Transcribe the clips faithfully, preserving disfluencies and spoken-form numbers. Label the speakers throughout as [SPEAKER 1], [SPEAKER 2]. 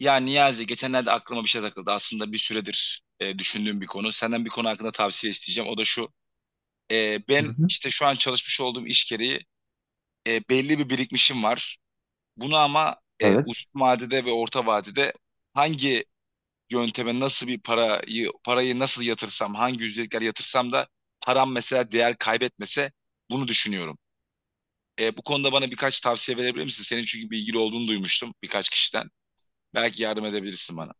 [SPEAKER 1] Ya Niyazi, geçenlerde aklıma bir şey takıldı. Aslında bir süredir e, düşündüğüm bir konu. Senden bir konu hakkında tavsiye isteyeceğim. O da şu. E,
[SPEAKER 2] Hı
[SPEAKER 1] ben
[SPEAKER 2] hı.
[SPEAKER 1] işte şu an çalışmış olduğum iş gereği e, belli bir birikmişim var. Bunu ama e, uzun
[SPEAKER 2] Evet.
[SPEAKER 1] vadede ve orta vadede hangi yönteme, nasıl bir parayı parayı nasıl yatırsam, hangi yüzdelikler yatırsam da param mesela değer kaybetmese, bunu düşünüyorum. E, bu konuda bana birkaç tavsiye verebilir misin? Senin çünkü bilgili olduğunu duymuştum birkaç kişiden. Belki yardım edebilirsin bana.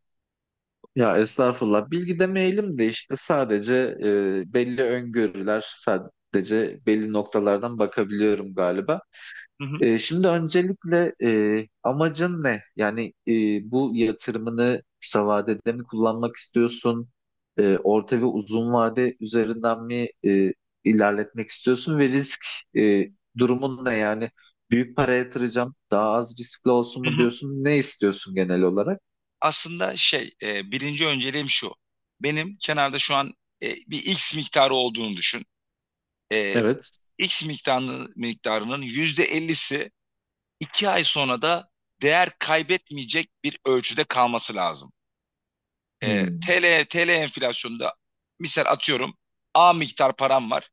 [SPEAKER 2] Ya estağfurullah. Bilgi demeyelim de işte sadece e, belli öngörüler, sadece belli noktalardan bakabiliyorum galiba.
[SPEAKER 1] Hı
[SPEAKER 2] E, şimdi öncelikle e, amacın ne? Yani e, bu yatırımını kısa vadede mi kullanmak istiyorsun? E, orta ve uzun vade üzerinden mi e, ilerletmek istiyorsun? Ve risk e, durumun ne? Yani büyük para yatıracağım, daha az riskli olsun mu
[SPEAKER 1] hı.
[SPEAKER 2] diyorsun? Ne istiyorsun genel olarak?
[SPEAKER 1] aslında şey, e, birinci önceliğim şu. Benim kenarda şu an e, bir X miktarı olduğunu düşün. E,
[SPEAKER 2] Evet.
[SPEAKER 1] X miktarını, miktarının yüzde ellisi iki ay sonra da değer kaybetmeyecek bir ölçüde kalması lazım. E,
[SPEAKER 2] Hmm,
[SPEAKER 1] TL, T L enflasyonunda, misal atıyorum, A miktar param var.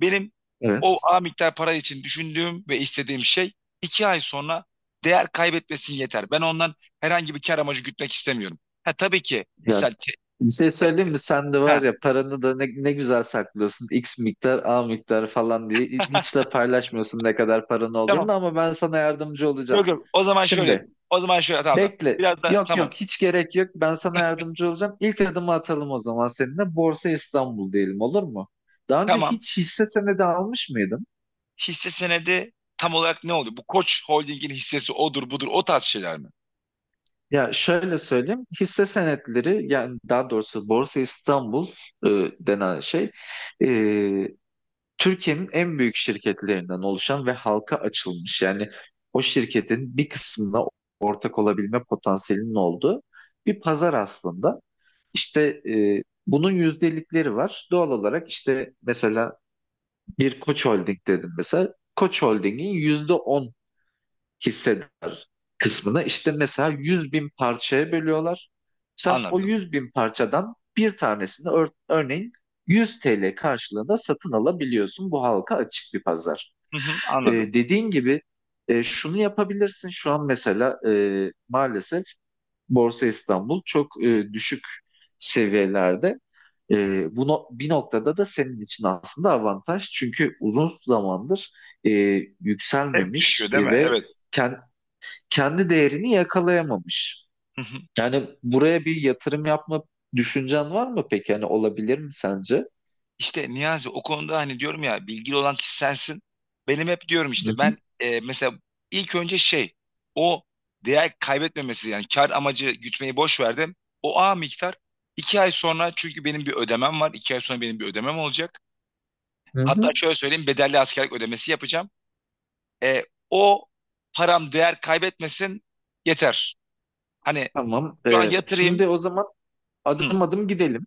[SPEAKER 1] Benim o
[SPEAKER 2] evet.
[SPEAKER 1] A miktar para için düşündüğüm ve istediğim şey, iki ay sonra değer kaybetmesin yeter. Ben ondan herhangi bir kar amacı gütmek istemiyorum. Ha, tabii ki
[SPEAKER 2] Ya
[SPEAKER 1] misal.
[SPEAKER 2] bir şey söyleyeyim mi? Sen de var
[SPEAKER 1] Ha.
[SPEAKER 2] ya paranı da ne, ne güzel saklıyorsun. X miktar, A miktar falan diye. Hiç de paylaşmıyorsun ne kadar paran olduğunu
[SPEAKER 1] Tamam.
[SPEAKER 2] ama ben sana yardımcı olacağım.
[SPEAKER 1] Yok, yok. O zaman şöyle
[SPEAKER 2] Şimdi
[SPEAKER 1] yapayım. O zaman şöyle, tamam, tamam.
[SPEAKER 2] bekle.
[SPEAKER 1] Biraz da
[SPEAKER 2] Yok yok
[SPEAKER 1] tamam.
[SPEAKER 2] hiç gerek yok. Ben sana yardımcı olacağım. İlk adımı atalım o zaman seninle. Borsa İstanbul diyelim olur mu? Daha önce
[SPEAKER 1] Tamam.
[SPEAKER 2] hiç hisse senedi almış mıydın?
[SPEAKER 1] Hisse senedi tam olarak ne oldu? Bu Koç Holding'in hissesi odur budur, o tarz şeyler mi?
[SPEAKER 2] Ya şöyle söyleyeyim. Hisse senetleri yani daha doğrusu Borsa İstanbul e, denen şey Türkiye'nin en büyük şirketlerinden oluşan ve halka açılmış yani o şirketin bir kısmına ortak olabilme potansiyelinin olduğu bir pazar aslında. İşte e, bunun yüzdelikleri var. Doğal olarak işte mesela bir Koç Holding dedim mesela. Koç Holding'in yüzde on hisseder kısmını işte mesela yüz bin parçaya bölüyorlar. Sen o
[SPEAKER 1] Anladım.
[SPEAKER 2] yüz bin parçadan bir tanesini ör- örneğin yüz T L karşılığında satın alabiliyorsun. Bu halka açık bir pazar.
[SPEAKER 1] Hı hı,
[SPEAKER 2] Ee,
[SPEAKER 1] anladım.
[SPEAKER 2] dediğin gibi e, şunu yapabilirsin. Şu an mesela e, maalesef Borsa İstanbul çok e, düşük seviyelerde. E, bu no- bir noktada da senin için aslında avantaj. Çünkü uzun zamandır e,
[SPEAKER 1] Hep
[SPEAKER 2] yükselmemiş
[SPEAKER 1] düşüyor değil
[SPEAKER 2] e,
[SPEAKER 1] mi?
[SPEAKER 2] ve
[SPEAKER 1] Evet.
[SPEAKER 2] kendi kendi değerini yakalayamamış.
[SPEAKER 1] Hı hı.
[SPEAKER 2] Yani buraya bir yatırım yapma düşüncen var mı peki? Yani olabilir mi sence?
[SPEAKER 1] İşte Niyazi, o konuda hani diyorum ya, bilgili olan kişi sensin. Benim hep diyorum
[SPEAKER 2] Hı
[SPEAKER 1] işte,
[SPEAKER 2] hı.
[SPEAKER 1] ben e, mesela ilk önce şey, o değer kaybetmemesi, yani kar amacı gütmeyi boş verdim. O A miktar iki ay sonra, çünkü benim bir ödemem var. iki ay sonra benim bir ödemem olacak.
[SPEAKER 2] Hı
[SPEAKER 1] Hatta
[SPEAKER 2] hı.
[SPEAKER 1] şöyle söyleyeyim, bedelli askerlik ödemesi yapacağım. E, O param değer kaybetmesin yeter. Hani
[SPEAKER 2] Tamam.
[SPEAKER 1] şu an
[SPEAKER 2] Ee,
[SPEAKER 1] yatırayım.
[SPEAKER 2] şimdi o zaman
[SPEAKER 1] Hı,
[SPEAKER 2] adım adım gidelim.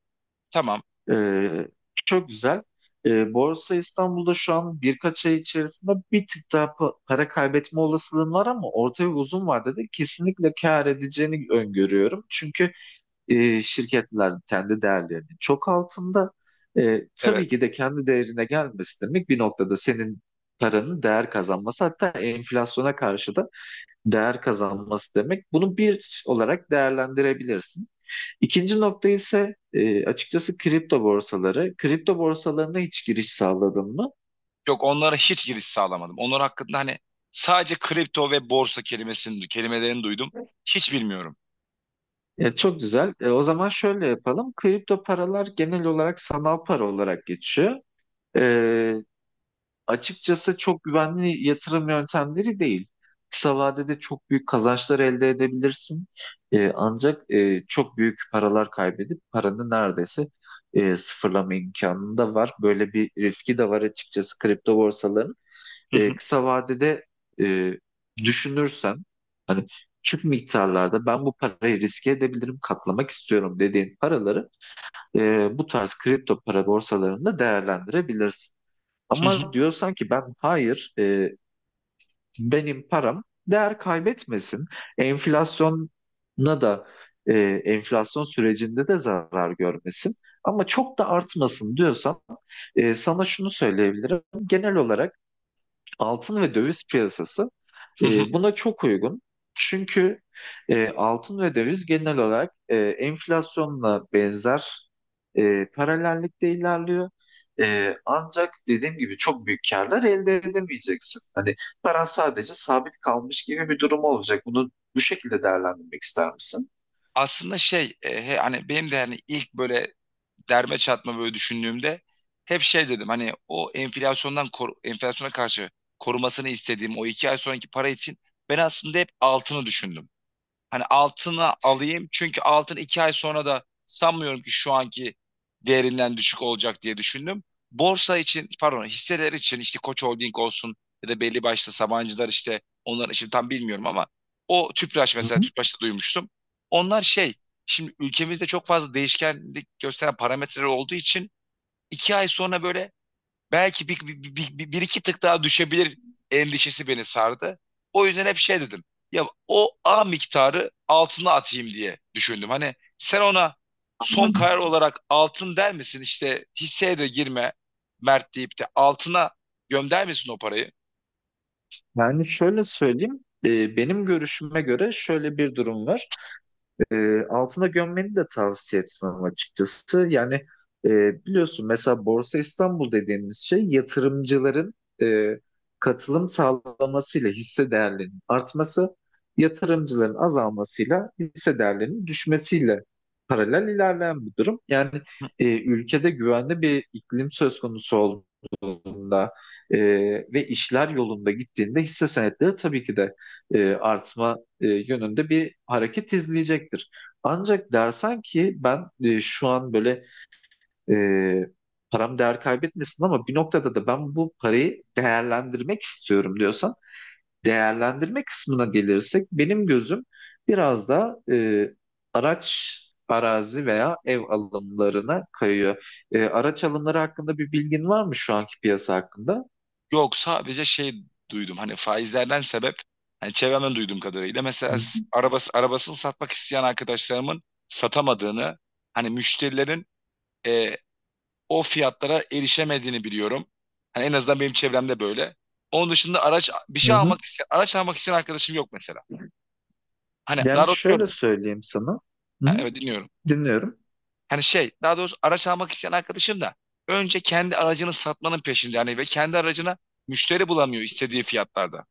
[SPEAKER 1] tamam,
[SPEAKER 2] Ee, çok güzel. Ee, Borsa İstanbul'da şu an birkaç ay içerisinde bir tık daha pa- para kaybetme olasılığın var ama orta ve uzun vadede kesinlikle kâr edeceğini öngörüyorum. Çünkü e, şirketlerin kendi değerlerinin çok altında. E,
[SPEAKER 1] evet.
[SPEAKER 2] tabii ki de kendi değerine gelmesi demek bir noktada senin paranın değer kazanması hatta enflasyona karşı da değer kazanması demek. Bunu bir olarak değerlendirebilirsin. İkinci nokta ise e, açıkçası kripto borsaları. Kripto borsalarına hiç giriş sağladın mı?
[SPEAKER 1] Yok, onlara hiç giriş sağlamadım. Onlar hakkında hani sadece kripto ve borsa kelimesini kelimelerini duydum. Hiç bilmiyorum.
[SPEAKER 2] Ya çok güzel. E, o zaman şöyle yapalım. Kripto paralar genel olarak sanal para olarak geçiyor. E, açıkçası çok güvenli yatırım yöntemleri değil. Kısa vadede çok büyük kazançlar elde edebilirsin. Ee, ancak e, çok büyük paralar kaybedip paranı neredeyse e, sıfırlama imkanın da var. Böyle bir riski de var açıkçası kripto borsaların.
[SPEAKER 1] Hı hı,
[SPEAKER 2] Ee, kısa vadede e, düşünürsen hani küçük miktarlarda ben bu parayı riske edebilirim, katlamak istiyorum dediğin paraları e, bu tarz kripto para borsalarında değerlendirebilirsin.
[SPEAKER 1] hı hı,
[SPEAKER 2] Ama diyorsan ki ben hayır e, benim param değer kaybetmesin. Enflasyona da e, enflasyon sürecinde de zarar görmesin. Ama çok da artmasın diyorsan e, sana şunu söyleyebilirim. Genel olarak altın ve döviz piyasası
[SPEAKER 1] hı hı.
[SPEAKER 2] e, buna çok uygun. Çünkü e, altın ve döviz genel olarak e, enflasyonla benzer e, paralellikte ilerliyor. E, ancak dediğim gibi çok büyük karlar elde edemeyeceksin. Hani paran sadece sabit kalmış gibi bir durum olacak. Bunu bu şekilde değerlendirmek ister misin?
[SPEAKER 1] Aslında şey, e, he- hani benim de hani ilk böyle derme çatma böyle düşündüğümde, hep şey dedim, hani o enflasyondan kor- enflasyona karşı korumasını istediğim o iki ay sonraki para için ben aslında hep altını düşündüm. Hani altını alayım, çünkü altın iki ay sonra da sanmıyorum ki şu anki değerinden düşük olacak diye düşündüm. Borsa için, pardon, hisseler için işte Koç Holding olsun ya da belli başlı Sabancılar, işte onlar için tam bilmiyorum ama o Tüpraş,
[SPEAKER 2] Hı
[SPEAKER 1] mesela
[SPEAKER 2] hı,
[SPEAKER 1] Tüpraş'ta duymuştum. Onlar şey, şimdi ülkemizde çok fazla değişkenlik gösteren parametreler olduğu için iki ay sonra böyle belki bir, bir, bir, bir- bir iki tık daha düşebilir endişesi beni sardı. O yüzden hep şey dedim. Ya o A miktarı altına atayım diye düşündüm. Hani sen ona son
[SPEAKER 2] anladım.
[SPEAKER 1] karar olarak altın der misin? İşte hisseye de girme, Mert deyip de altına gömder misin o parayı?
[SPEAKER 2] Yani şöyle söyleyeyim, e, benim görüşüme göre şöyle bir durum var. e, altına gömmeni de tavsiye etmem açıkçası. Yani e, biliyorsun mesela Borsa İstanbul dediğimiz şey yatırımcıların e, katılım sağlamasıyla hisse değerlerinin artması, yatırımcıların azalmasıyla hisse değerlerinin düşmesiyle paralel ilerleyen bir durum. Yani
[SPEAKER 1] Hı.
[SPEAKER 2] e, ülkede güvenli bir iklim söz konusu olduğunda e, ve işler yolunda gittiğinde hisse senetleri tabii ki de e, artma e, yönünde bir hareket izleyecektir. Ancak dersen ki ben e, şu an böyle e, param değer kaybetmesin ama bir noktada da ben bu parayı değerlendirmek istiyorum diyorsan değerlendirme kısmına gelirsek benim gözüm biraz da e, araç arazi veya ev alımlarına kayıyor. E, araç alımları hakkında bir bilgin var mı şu anki piyasa hakkında?
[SPEAKER 1] Yok, sadece şey duydum, hani faizlerden sebep, hani çevremden duyduğum kadarıyla
[SPEAKER 2] Hı
[SPEAKER 1] mesela
[SPEAKER 2] hı.
[SPEAKER 1] s- arabası arabasını satmak isteyen arkadaşlarımın satamadığını, hani müşterilerin e, o fiyatlara erişemediğini biliyorum. Hani en azından benim çevremde böyle. Onun dışında araç bir
[SPEAKER 2] Hı
[SPEAKER 1] şey
[SPEAKER 2] hı.
[SPEAKER 1] almak isteyen, araç almak isteyen arkadaşım yok mesela. Hani daha
[SPEAKER 2] Yani
[SPEAKER 1] doğrusu şöyle.
[SPEAKER 2] şöyle söyleyeyim sana. Hı
[SPEAKER 1] Ha,
[SPEAKER 2] hı.
[SPEAKER 1] evet, dinliyorum.
[SPEAKER 2] Dinliyorum.
[SPEAKER 1] Hani şey, daha doğrusu araç almak isteyen arkadaşım da önce kendi aracını satmanın peşinde, hani, ve kendi aracına müşteri bulamıyor istediği fiyatlarda.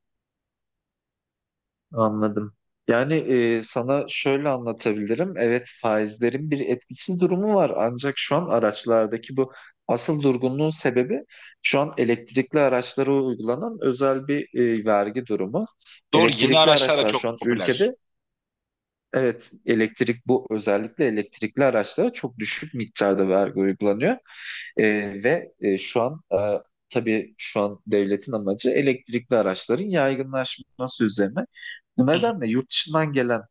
[SPEAKER 2] Anladım. Yani e, sana şöyle anlatabilirim. Evet faizlerin bir etkisi durumu var. Ancak şu an araçlardaki bu asıl durgunluğun sebebi şu an elektrikli araçlara uygulanan özel bir e, vergi durumu.
[SPEAKER 1] Doğru, yeni
[SPEAKER 2] Elektrikli
[SPEAKER 1] araçlar da
[SPEAKER 2] araçlar şu an
[SPEAKER 1] çok popüler.
[SPEAKER 2] ülkede, evet, elektrik bu özellikle elektrikli araçlara çok düşük miktarda vergi uygulanıyor. Ee, ve e, şu an e, tabii şu an devletin amacı elektrikli araçların yaygınlaşması üzerine. Bu
[SPEAKER 1] Hı hı.
[SPEAKER 2] nedenle yurt dışından gelen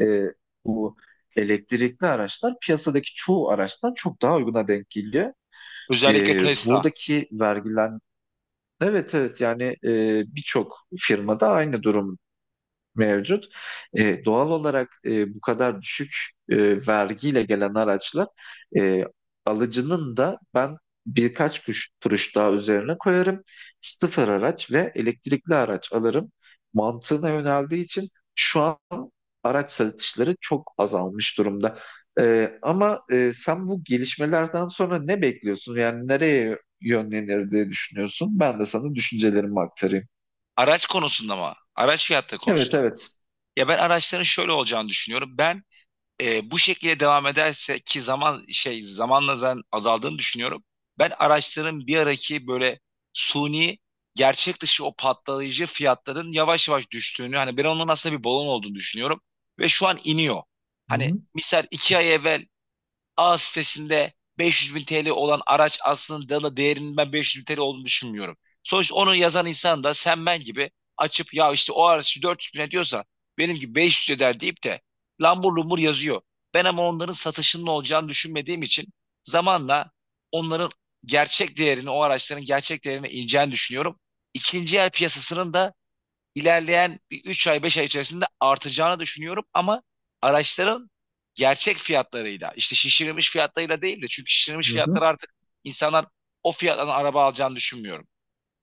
[SPEAKER 2] e, bu elektrikli araçlar piyasadaki çoğu araçtan çok daha uyguna denk geliyor. E,
[SPEAKER 1] Özellikle Tesla.
[SPEAKER 2] buradaki vergilen Evet evet yani e, birçok firmada aynı durum mevcut. E, doğal olarak e, bu kadar düşük e, vergiyle gelen araçlar e, alıcının da ben birkaç kuruş, kuruş daha üzerine koyarım. Sıfır araç ve elektrikli araç alırım mantığına yöneldiği için şu an araç satışları çok azalmış durumda. E, ama e, sen bu gelişmelerden sonra ne bekliyorsun? Yani nereye yönlenir diye düşünüyorsun? Ben de sana düşüncelerimi aktarayım.
[SPEAKER 1] Araç konusunda mı? Araç fiyatı
[SPEAKER 2] Evet
[SPEAKER 1] konusunda.
[SPEAKER 2] evet.
[SPEAKER 1] Ya ben araçların şöyle olacağını düşünüyorum. Ben e, bu şekilde devam ederse, ki zaman şey zamanla zaten azaldığını düşünüyorum. Ben araçların bir araki böyle suni, gerçek dışı o patlayıcı fiyatların yavaş yavaş düştüğünü, hani ben onun aslında bir balon olduğunu düşünüyorum ve şu an iniyor.
[SPEAKER 2] Hı
[SPEAKER 1] Hani
[SPEAKER 2] hı.
[SPEAKER 1] misal iki ay evvel A sitesinde beş yüz bin T L olan araç, aslında da değerinin ben beş yüz bin T L olduğunu düşünmüyorum. Sonuçta onu yazan insan da sen ben gibi açıp, ya işte o araç dört yüz bin diyorsa, benim gibi beş yüz eder deyip de lambur lumbur yazıyor. Ben ama onların satışının olacağını düşünmediğim için zamanla onların gerçek değerini, o araçların gerçek değerine ineceğini düşünüyorum. İkinci el piyasasının da ilerleyen bir üç ay beş ay içerisinde artacağını düşünüyorum, ama araçların gerçek fiyatlarıyla, işte şişirilmiş fiyatlarıyla değil de, çünkü şişirilmiş
[SPEAKER 2] Hı
[SPEAKER 1] fiyatlar
[SPEAKER 2] hı.
[SPEAKER 1] artık insanlar o fiyattan araba alacağını düşünmüyorum.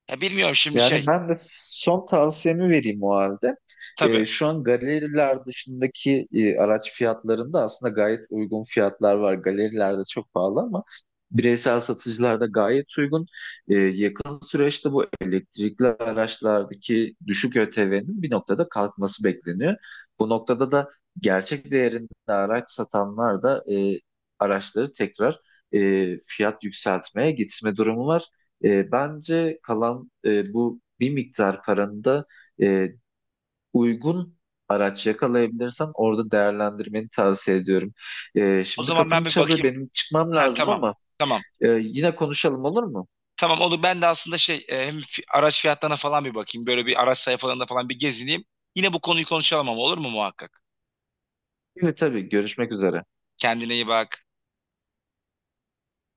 [SPEAKER 1] Ya bilmiyorum, şimdi şey,
[SPEAKER 2] Yani ben de son tavsiyemi vereyim o halde.
[SPEAKER 1] tabii,
[SPEAKER 2] Ee, şu an galeriler dışındaki e, araç fiyatlarında aslında gayet uygun fiyatlar var. Galerilerde çok pahalı ama bireysel satıcılarda gayet uygun. Ee, yakın süreçte bu elektrikli araçlardaki düşük Ö T V'nin bir noktada kalkması bekleniyor. Bu noktada da gerçek değerinde araç satanlar da e, araçları tekrar e, fiyat yükseltmeye gitme durumu var. E, bence kalan e, bu bir miktar paranı da e, uygun araç yakalayabilirsen orada değerlendirmeni tavsiye ediyorum. E,
[SPEAKER 1] o
[SPEAKER 2] şimdi
[SPEAKER 1] zaman ben
[SPEAKER 2] kapım
[SPEAKER 1] bir
[SPEAKER 2] çalıyor,
[SPEAKER 1] bakayım.
[SPEAKER 2] benim çıkmam
[SPEAKER 1] Ha,
[SPEAKER 2] lazım
[SPEAKER 1] tamam,
[SPEAKER 2] ama
[SPEAKER 1] tamam.
[SPEAKER 2] e, yine konuşalım olur mu?
[SPEAKER 1] Tamam, olur, ben de aslında şey, e, hem fi- araç fiyatlarına falan bir bakayım. Böyle bir araç sayfalarında falan bir gezineyim. Yine bu konuyu konuşalım ama, olur mu muhakkak?
[SPEAKER 2] Evet tabii, görüşmek üzere.
[SPEAKER 1] Kendine iyi bak.